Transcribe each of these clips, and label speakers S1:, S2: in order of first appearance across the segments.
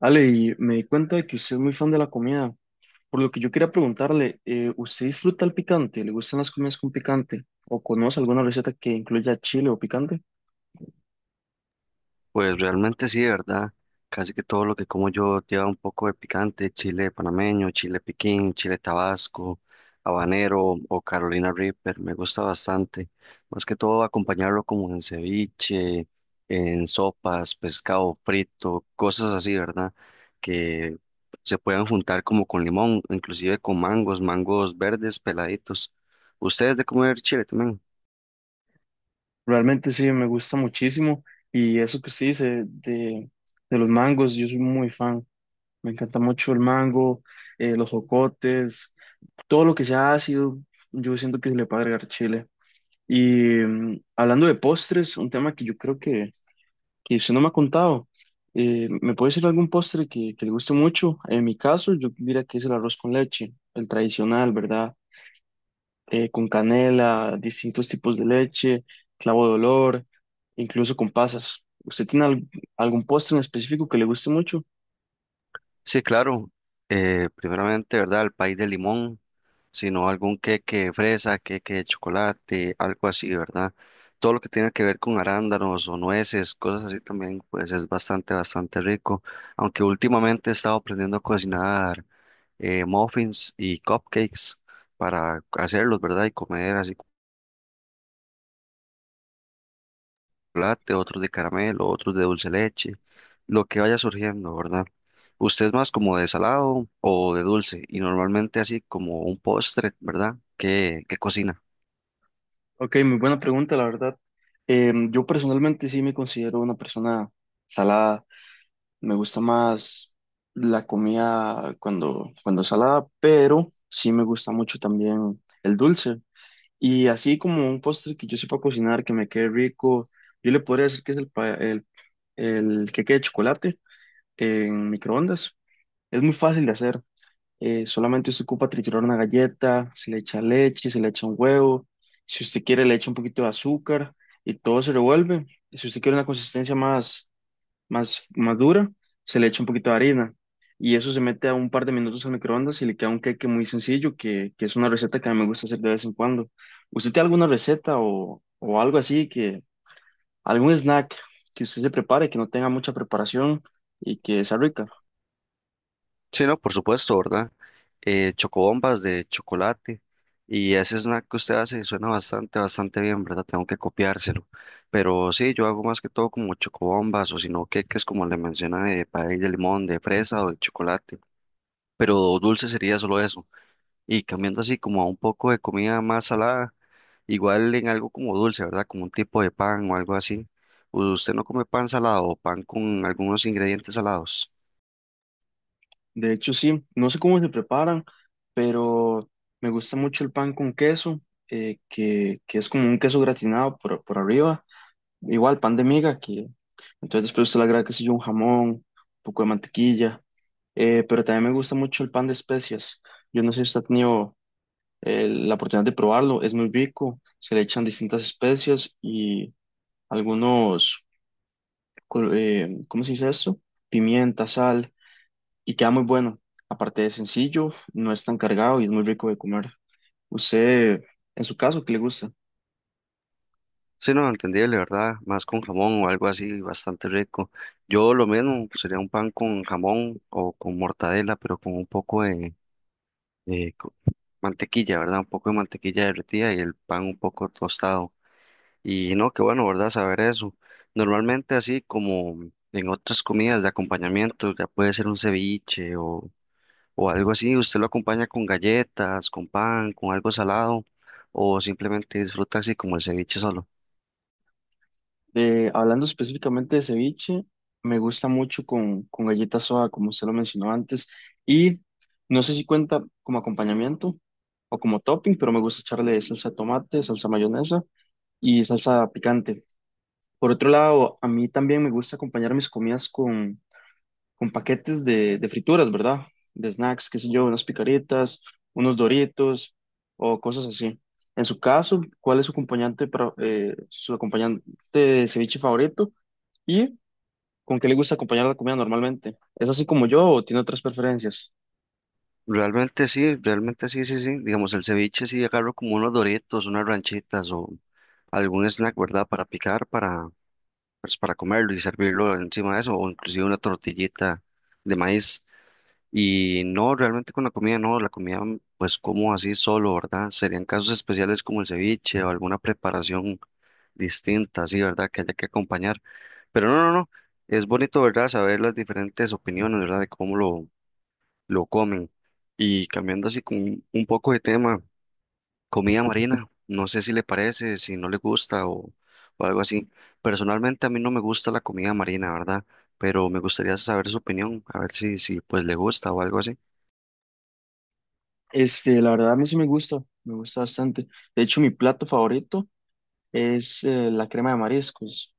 S1: Ale, y me di cuenta de que usted es muy fan de la comida, por lo que yo quería preguntarle, ¿usted disfruta el picante? ¿Le gustan las comidas con picante? ¿O conoce alguna receta que incluya chile o picante?
S2: Pues realmente sí, ¿verdad? Casi que todo lo que como yo lleva un poco de picante, chile panameño, chile piquín, chile tabasco, habanero o Carolina Reaper, me gusta bastante. Más que todo acompañarlo como en ceviche, en sopas, pescado frito, cosas así, ¿verdad? Que se puedan juntar como con limón, inclusive con mangos, mangos verdes peladitos. ¿Ustedes de comer chile también?
S1: Realmente sí, me gusta muchísimo y eso que usted dice de los mangos, yo soy muy fan, me encanta mucho el mango, los jocotes. Todo lo que sea ácido, yo siento que se le puede agregar chile. Y hablando de postres, un tema que yo creo que usted no me ha contado, ¿me puede decir algún postre que le guste mucho? En mi caso, yo diría que es el arroz con leche, el tradicional, ¿verdad? Con canela, distintos tipos de leche, clavo de olor, incluso con pasas. ¿Usted tiene algún postre en específico que le guste mucho?
S2: Sí, claro. Primeramente, ¿verdad? El país de limón, sino algún queque de fresa, queque de chocolate, algo así, ¿verdad? Todo lo que tenga que ver con arándanos o nueces, cosas así también, pues es bastante, bastante rico. Aunque últimamente he estado aprendiendo a cocinar muffins y cupcakes para hacerlos, ¿verdad? Y comer así chocolate, otros de caramelo, otros de dulce leche, lo que vaya surgiendo, ¿verdad? Usted es más como de salado o de dulce y normalmente así como un postre, ¿verdad? ¿Qué, qué cocina?
S1: Ok, muy buena pregunta, la verdad. Yo personalmente sí me considero una persona salada. Me gusta más la comida cuando es salada, pero sí me gusta mucho también el dulce. Y así como un postre que yo sepa cocinar, que me quede rico, yo le podría decir que es el, el queque de chocolate en microondas. Es muy fácil de hacer. Solamente usted ocupa triturar una galleta, se le echa leche, se le echa un huevo. Si usted quiere, le echa un poquito de azúcar y todo se revuelve. Si usted quiere una consistencia más, más dura, se le echa un poquito de harina y eso se mete a un par de minutos al microondas y le queda un queque muy sencillo, que es una receta que a mí me gusta hacer de vez en cuando. ¿Usted tiene alguna receta o algo así algún snack que usted se prepare, que no tenga mucha preparación y que sea rica?
S2: Sí, no, por supuesto, ¿verdad? Chocobombas de chocolate y ese snack que usted hace suena bastante, bastante bien, ¿verdad? Tengo que copiárselo. Pero sí, yo hago más que todo como chocobombas o si no queques como le menciona de pay de limón, de fresa o de chocolate. Pero dulce sería solo eso. Y cambiando así como a un poco de comida más salada, igual en algo como dulce, ¿verdad? Como un tipo de pan o algo así. ¿Usted no come pan salado o pan con algunos ingredientes salados?
S1: De hecho, sí, no sé cómo se preparan, pero me gusta mucho el pan con queso, que es como un queso gratinado por arriba, igual pan de miga que entonces después usted le agrega, qué sé yo, un jamón, un poco de mantequilla, pero también me gusta mucho el pan de especias. Yo no sé si usted ha tenido la oportunidad de probarlo, es muy rico, se le echan distintas especias y algunos, ¿cómo se dice esto? Pimienta, sal, y queda muy bueno. Aparte de sencillo, no es tan cargado y es muy rico de comer. ¿Usted, en su caso, ¿qué le gusta?
S2: Sí, no, entendible, ¿verdad? Más con jamón o algo así, bastante rico. Yo lo mismo, sería un pan con jamón o con mortadela, pero con un poco de mantequilla, ¿verdad? Un poco de mantequilla derretida y el pan un poco tostado. Y no, qué bueno, ¿verdad? Saber eso. Normalmente así como en otras comidas de acompañamiento, ya puede ser un ceviche o algo así, usted lo acompaña con galletas, con pan, con algo salado o simplemente disfruta así como el ceviche solo.
S1: Hablando específicamente de ceviche, me gusta mucho con galleta soda, como usted lo mencionó antes, y no sé si cuenta como acompañamiento o como topping, pero me gusta echarle salsa de tomate, salsa mayonesa y salsa picante. Por otro lado, a mí también me gusta acompañar mis comidas con paquetes de frituras, ¿verdad? De snacks, qué sé yo, unas picaritas, unos doritos o cosas así. En su caso, ¿cuál es su su acompañante de ceviche favorito y con qué le gusta acompañar la comida normalmente? ¿Es así como yo o tiene otras preferencias?
S2: Realmente sí, sí, sí. Digamos, el ceviche sí agarro como unos doritos, unas ranchitas o algún snack, ¿verdad? Para picar, para, pues, para comerlo y servirlo encima de eso o inclusive una tortillita de maíz. Y no, realmente con la comida no, la comida pues como así solo, ¿verdad? Serían casos especiales como el ceviche o alguna preparación distinta, así, ¿verdad? Que haya que acompañar. Pero no, no, no, es bonito, ¿verdad? Saber las diferentes opiniones, ¿verdad? De lo comen. Y cambiando así con un poco de tema, comida marina, no sé si le parece, si no le gusta o algo así. Personalmente a mí no me gusta la comida marina, ¿verdad? Pero me gustaría saber su opinión, a ver si pues le gusta o algo así.
S1: Este, la verdad a mí sí me gusta bastante. De hecho, mi plato favorito es la crema de mariscos.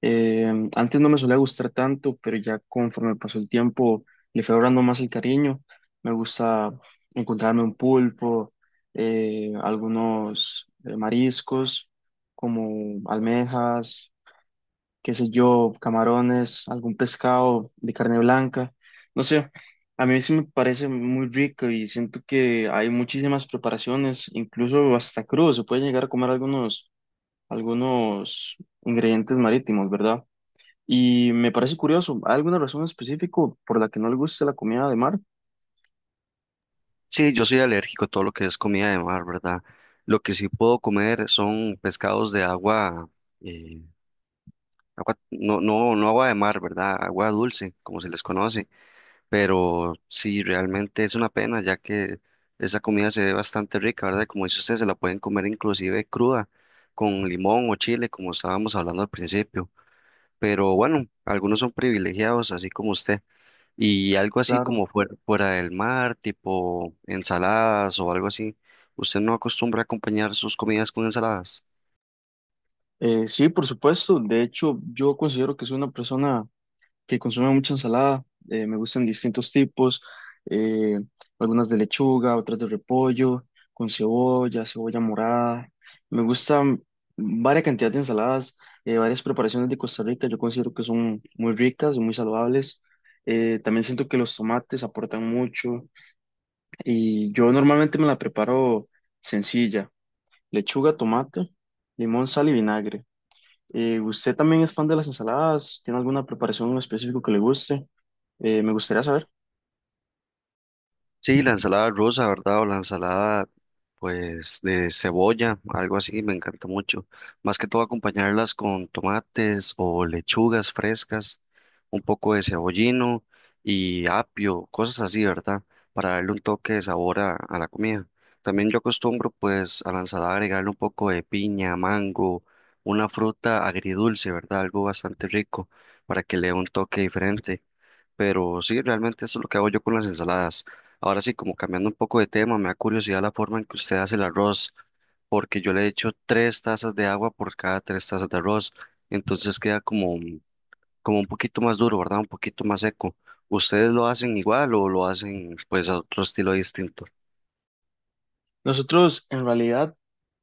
S1: Eh, antes no me solía gustar tanto, pero ya conforme pasó el tiempo le fui agarrando más el cariño. Me gusta encontrarme un pulpo, algunos mariscos como almejas, qué sé yo, camarones, algún pescado de carne blanca. No sé, a mí sí me parece muy rico y siento que hay muchísimas preparaciones, incluso hasta crudo, se puede llegar a comer algunos ingredientes marítimos, ¿verdad? Y me parece curioso, ¿hay alguna razón específica por la que no le gusta la comida de mar?
S2: Sí, yo soy alérgico a todo lo que es comida de mar, ¿verdad? Lo que sí puedo comer son pescados de agua, eh, agua, no, no, no agua de mar, ¿verdad? Agua dulce, como se les conoce. Pero sí, realmente es una pena, ya que esa comida se ve bastante rica, ¿verdad? Y como dice usted, se la pueden comer inclusive cruda, con limón o chile, como estábamos hablando al principio. Pero bueno, algunos son privilegiados, así como usted. Y algo así
S1: Claro.
S2: como fuera, fuera del mar, tipo ensaladas o algo así. ¿Usted no acostumbra a acompañar sus comidas con ensaladas?
S1: Sí, por supuesto. De hecho, yo considero que soy una persona que consume mucha ensalada. Me gustan distintos tipos, eh, algunas de lechuga, otras de repollo, con cebolla, cebolla morada. Me gustan varias cantidades de ensaladas, varias preparaciones de Costa Rica. Yo considero que son muy ricas y muy saludables. También siento que los tomates aportan mucho. Y yo normalmente me la preparo sencilla, lechuga, tomate, limón, sal y vinagre. ¿Usted también es fan de las ensaladas? ¿Tiene alguna preparación en específico que le guste? Me gustaría saber.
S2: Sí, la ensalada rusa, ¿verdad? O la ensalada, pues, de cebolla, algo así, me encanta mucho. Más que todo acompañarlas con tomates o lechugas frescas, un poco de cebollino y apio, cosas así, ¿verdad? Para darle un toque de sabor a la comida. También yo acostumbro, pues, a la ensalada agregarle un poco de piña, mango, una fruta agridulce, ¿verdad? Algo bastante rico para que le dé un toque diferente. Pero sí, realmente eso es lo que hago yo con las ensaladas. Ahora sí, como cambiando un poco de tema, me da curiosidad la forma en que usted hace el arroz, porque yo le echo tres tazas de agua por cada tres tazas de arroz, entonces queda como un poquito más duro, ¿verdad? Un poquito más seco. ¿Ustedes lo hacen igual o lo hacen pues a otro estilo distinto?
S1: Nosotros en realidad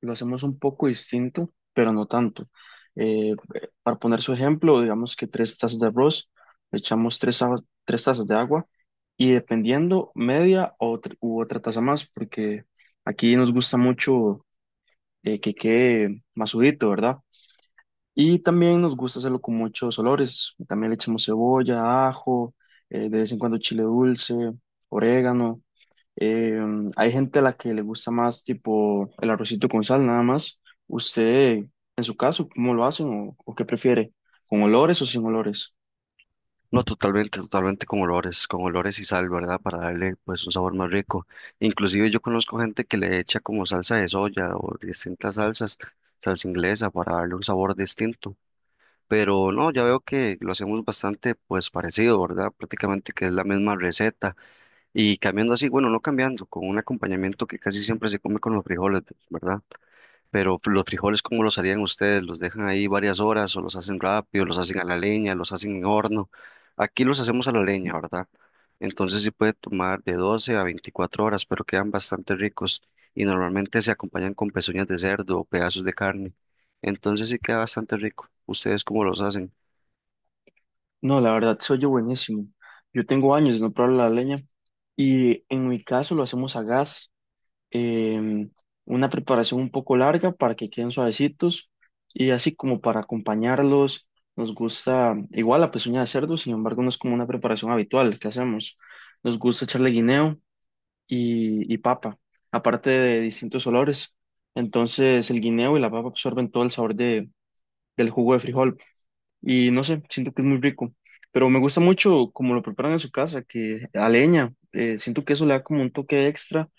S1: lo hacemos un poco distinto, pero no tanto. Eh, para poner su ejemplo, digamos que tres tazas de arroz, le echamos tres tazas de agua y dependiendo media o u otra taza más, porque aquí nos gusta mucho que quede masudito, ¿verdad? Y también nos gusta hacerlo con muchos olores. También le echamos cebolla, ajo, de vez en cuando chile dulce, orégano. Eh, hay gente a la que le gusta más tipo el arrocito con sal, nada más. ¿Usted, en su caso, cómo lo hacen o qué prefiere? ¿Con olores o sin olores?
S2: No, totalmente, totalmente con olores y sal, ¿verdad? Para darle pues un sabor más rico. Inclusive yo conozco gente que le echa como salsa de soya o distintas salsas, salsa inglesa, para darle un sabor distinto. Pero no, ya veo que lo hacemos bastante pues parecido, ¿verdad? Prácticamente que es la misma receta. Y cambiando así, bueno, no cambiando, con un acompañamiento que casi siempre se come con los frijoles, ¿verdad? Pero los frijoles, ¿cómo los harían ustedes? ¿Los dejan ahí varias horas o los hacen rápido, los hacen a la leña, los hacen en horno? Aquí los hacemos a la leña, ¿verdad? Entonces sí puede tomar de 12 a 24 horas, pero quedan bastante ricos y normalmente se acompañan con pezuñas de cerdo o pedazos de carne. Entonces sí queda bastante rico. ¿Ustedes cómo los hacen?
S1: No, la verdad, se oye buenísimo. Yo tengo años de no probar la leña y en mi caso lo hacemos a gas. em, una preparación un poco larga para que queden suavecitos y así como para acompañarlos, nos gusta igual la pezuña de cerdo, sin embargo no es como una preparación habitual que hacemos. Nos gusta echarle guineo y papa, aparte de distintos olores. Entonces el guineo y la papa absorben todo el sabor del jugo de frijol y no sé, siento que es muy rico. Pero me gusta mucho como lo preparan en su casa, que a leña, siento que eso le da como un toque extra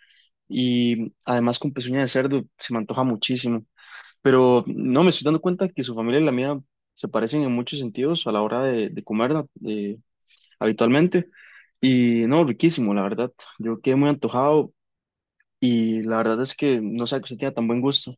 S1: y además con pezuña de cerdo se me antoja muchísimo. Pero no, me estoy dando cuenta que su familia y la mía se parecen en muchos sentidos a la hora de comer eh, habitualmente. Y no, riquísimo, la verdad. Yo quedé muy antojado y la verdad es que no sé que usted tenga tan buen gusto.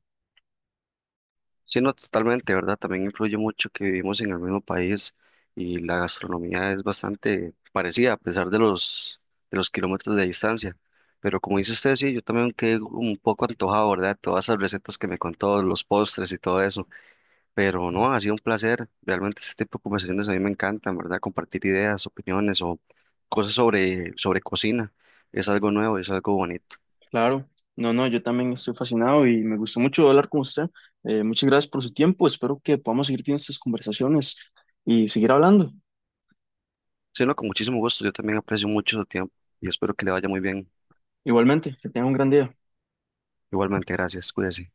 S2: Sí, no, totalmente, ¿verdad? También influye mucho que vivimos en el mismo país y la gastronomía es bastante parecida a pesar de de los kilómetros de distancia. Pero como dice usted, sí, yo también quedé un poco antojado, ¿verdad? Todas esas recetas que me contó, los postres y todo eso. Pero no, ha sido un placer. Realmente este tipo de conversaciones a mí me encantan, ¿verdad? Compartir ideas, opiniones o cosas sobre cocina. Es algo nuevo, es algo bonito.
S1: Claro, no, no, yo también estoy fascinado y me gustó mucho hablar con usted. Muchas gracias por su tiempo. Espero que podamos seguir teniendo estas conversaciones y seguir hablando.
S2: Sí, no, con muchísimo gusto. Yo también aprecio mucho su tiempo y espero que le vaya muy bien.
S1: Igualmente, que tenga un gran día.
S2: Igualmente, gracias. Cuídese.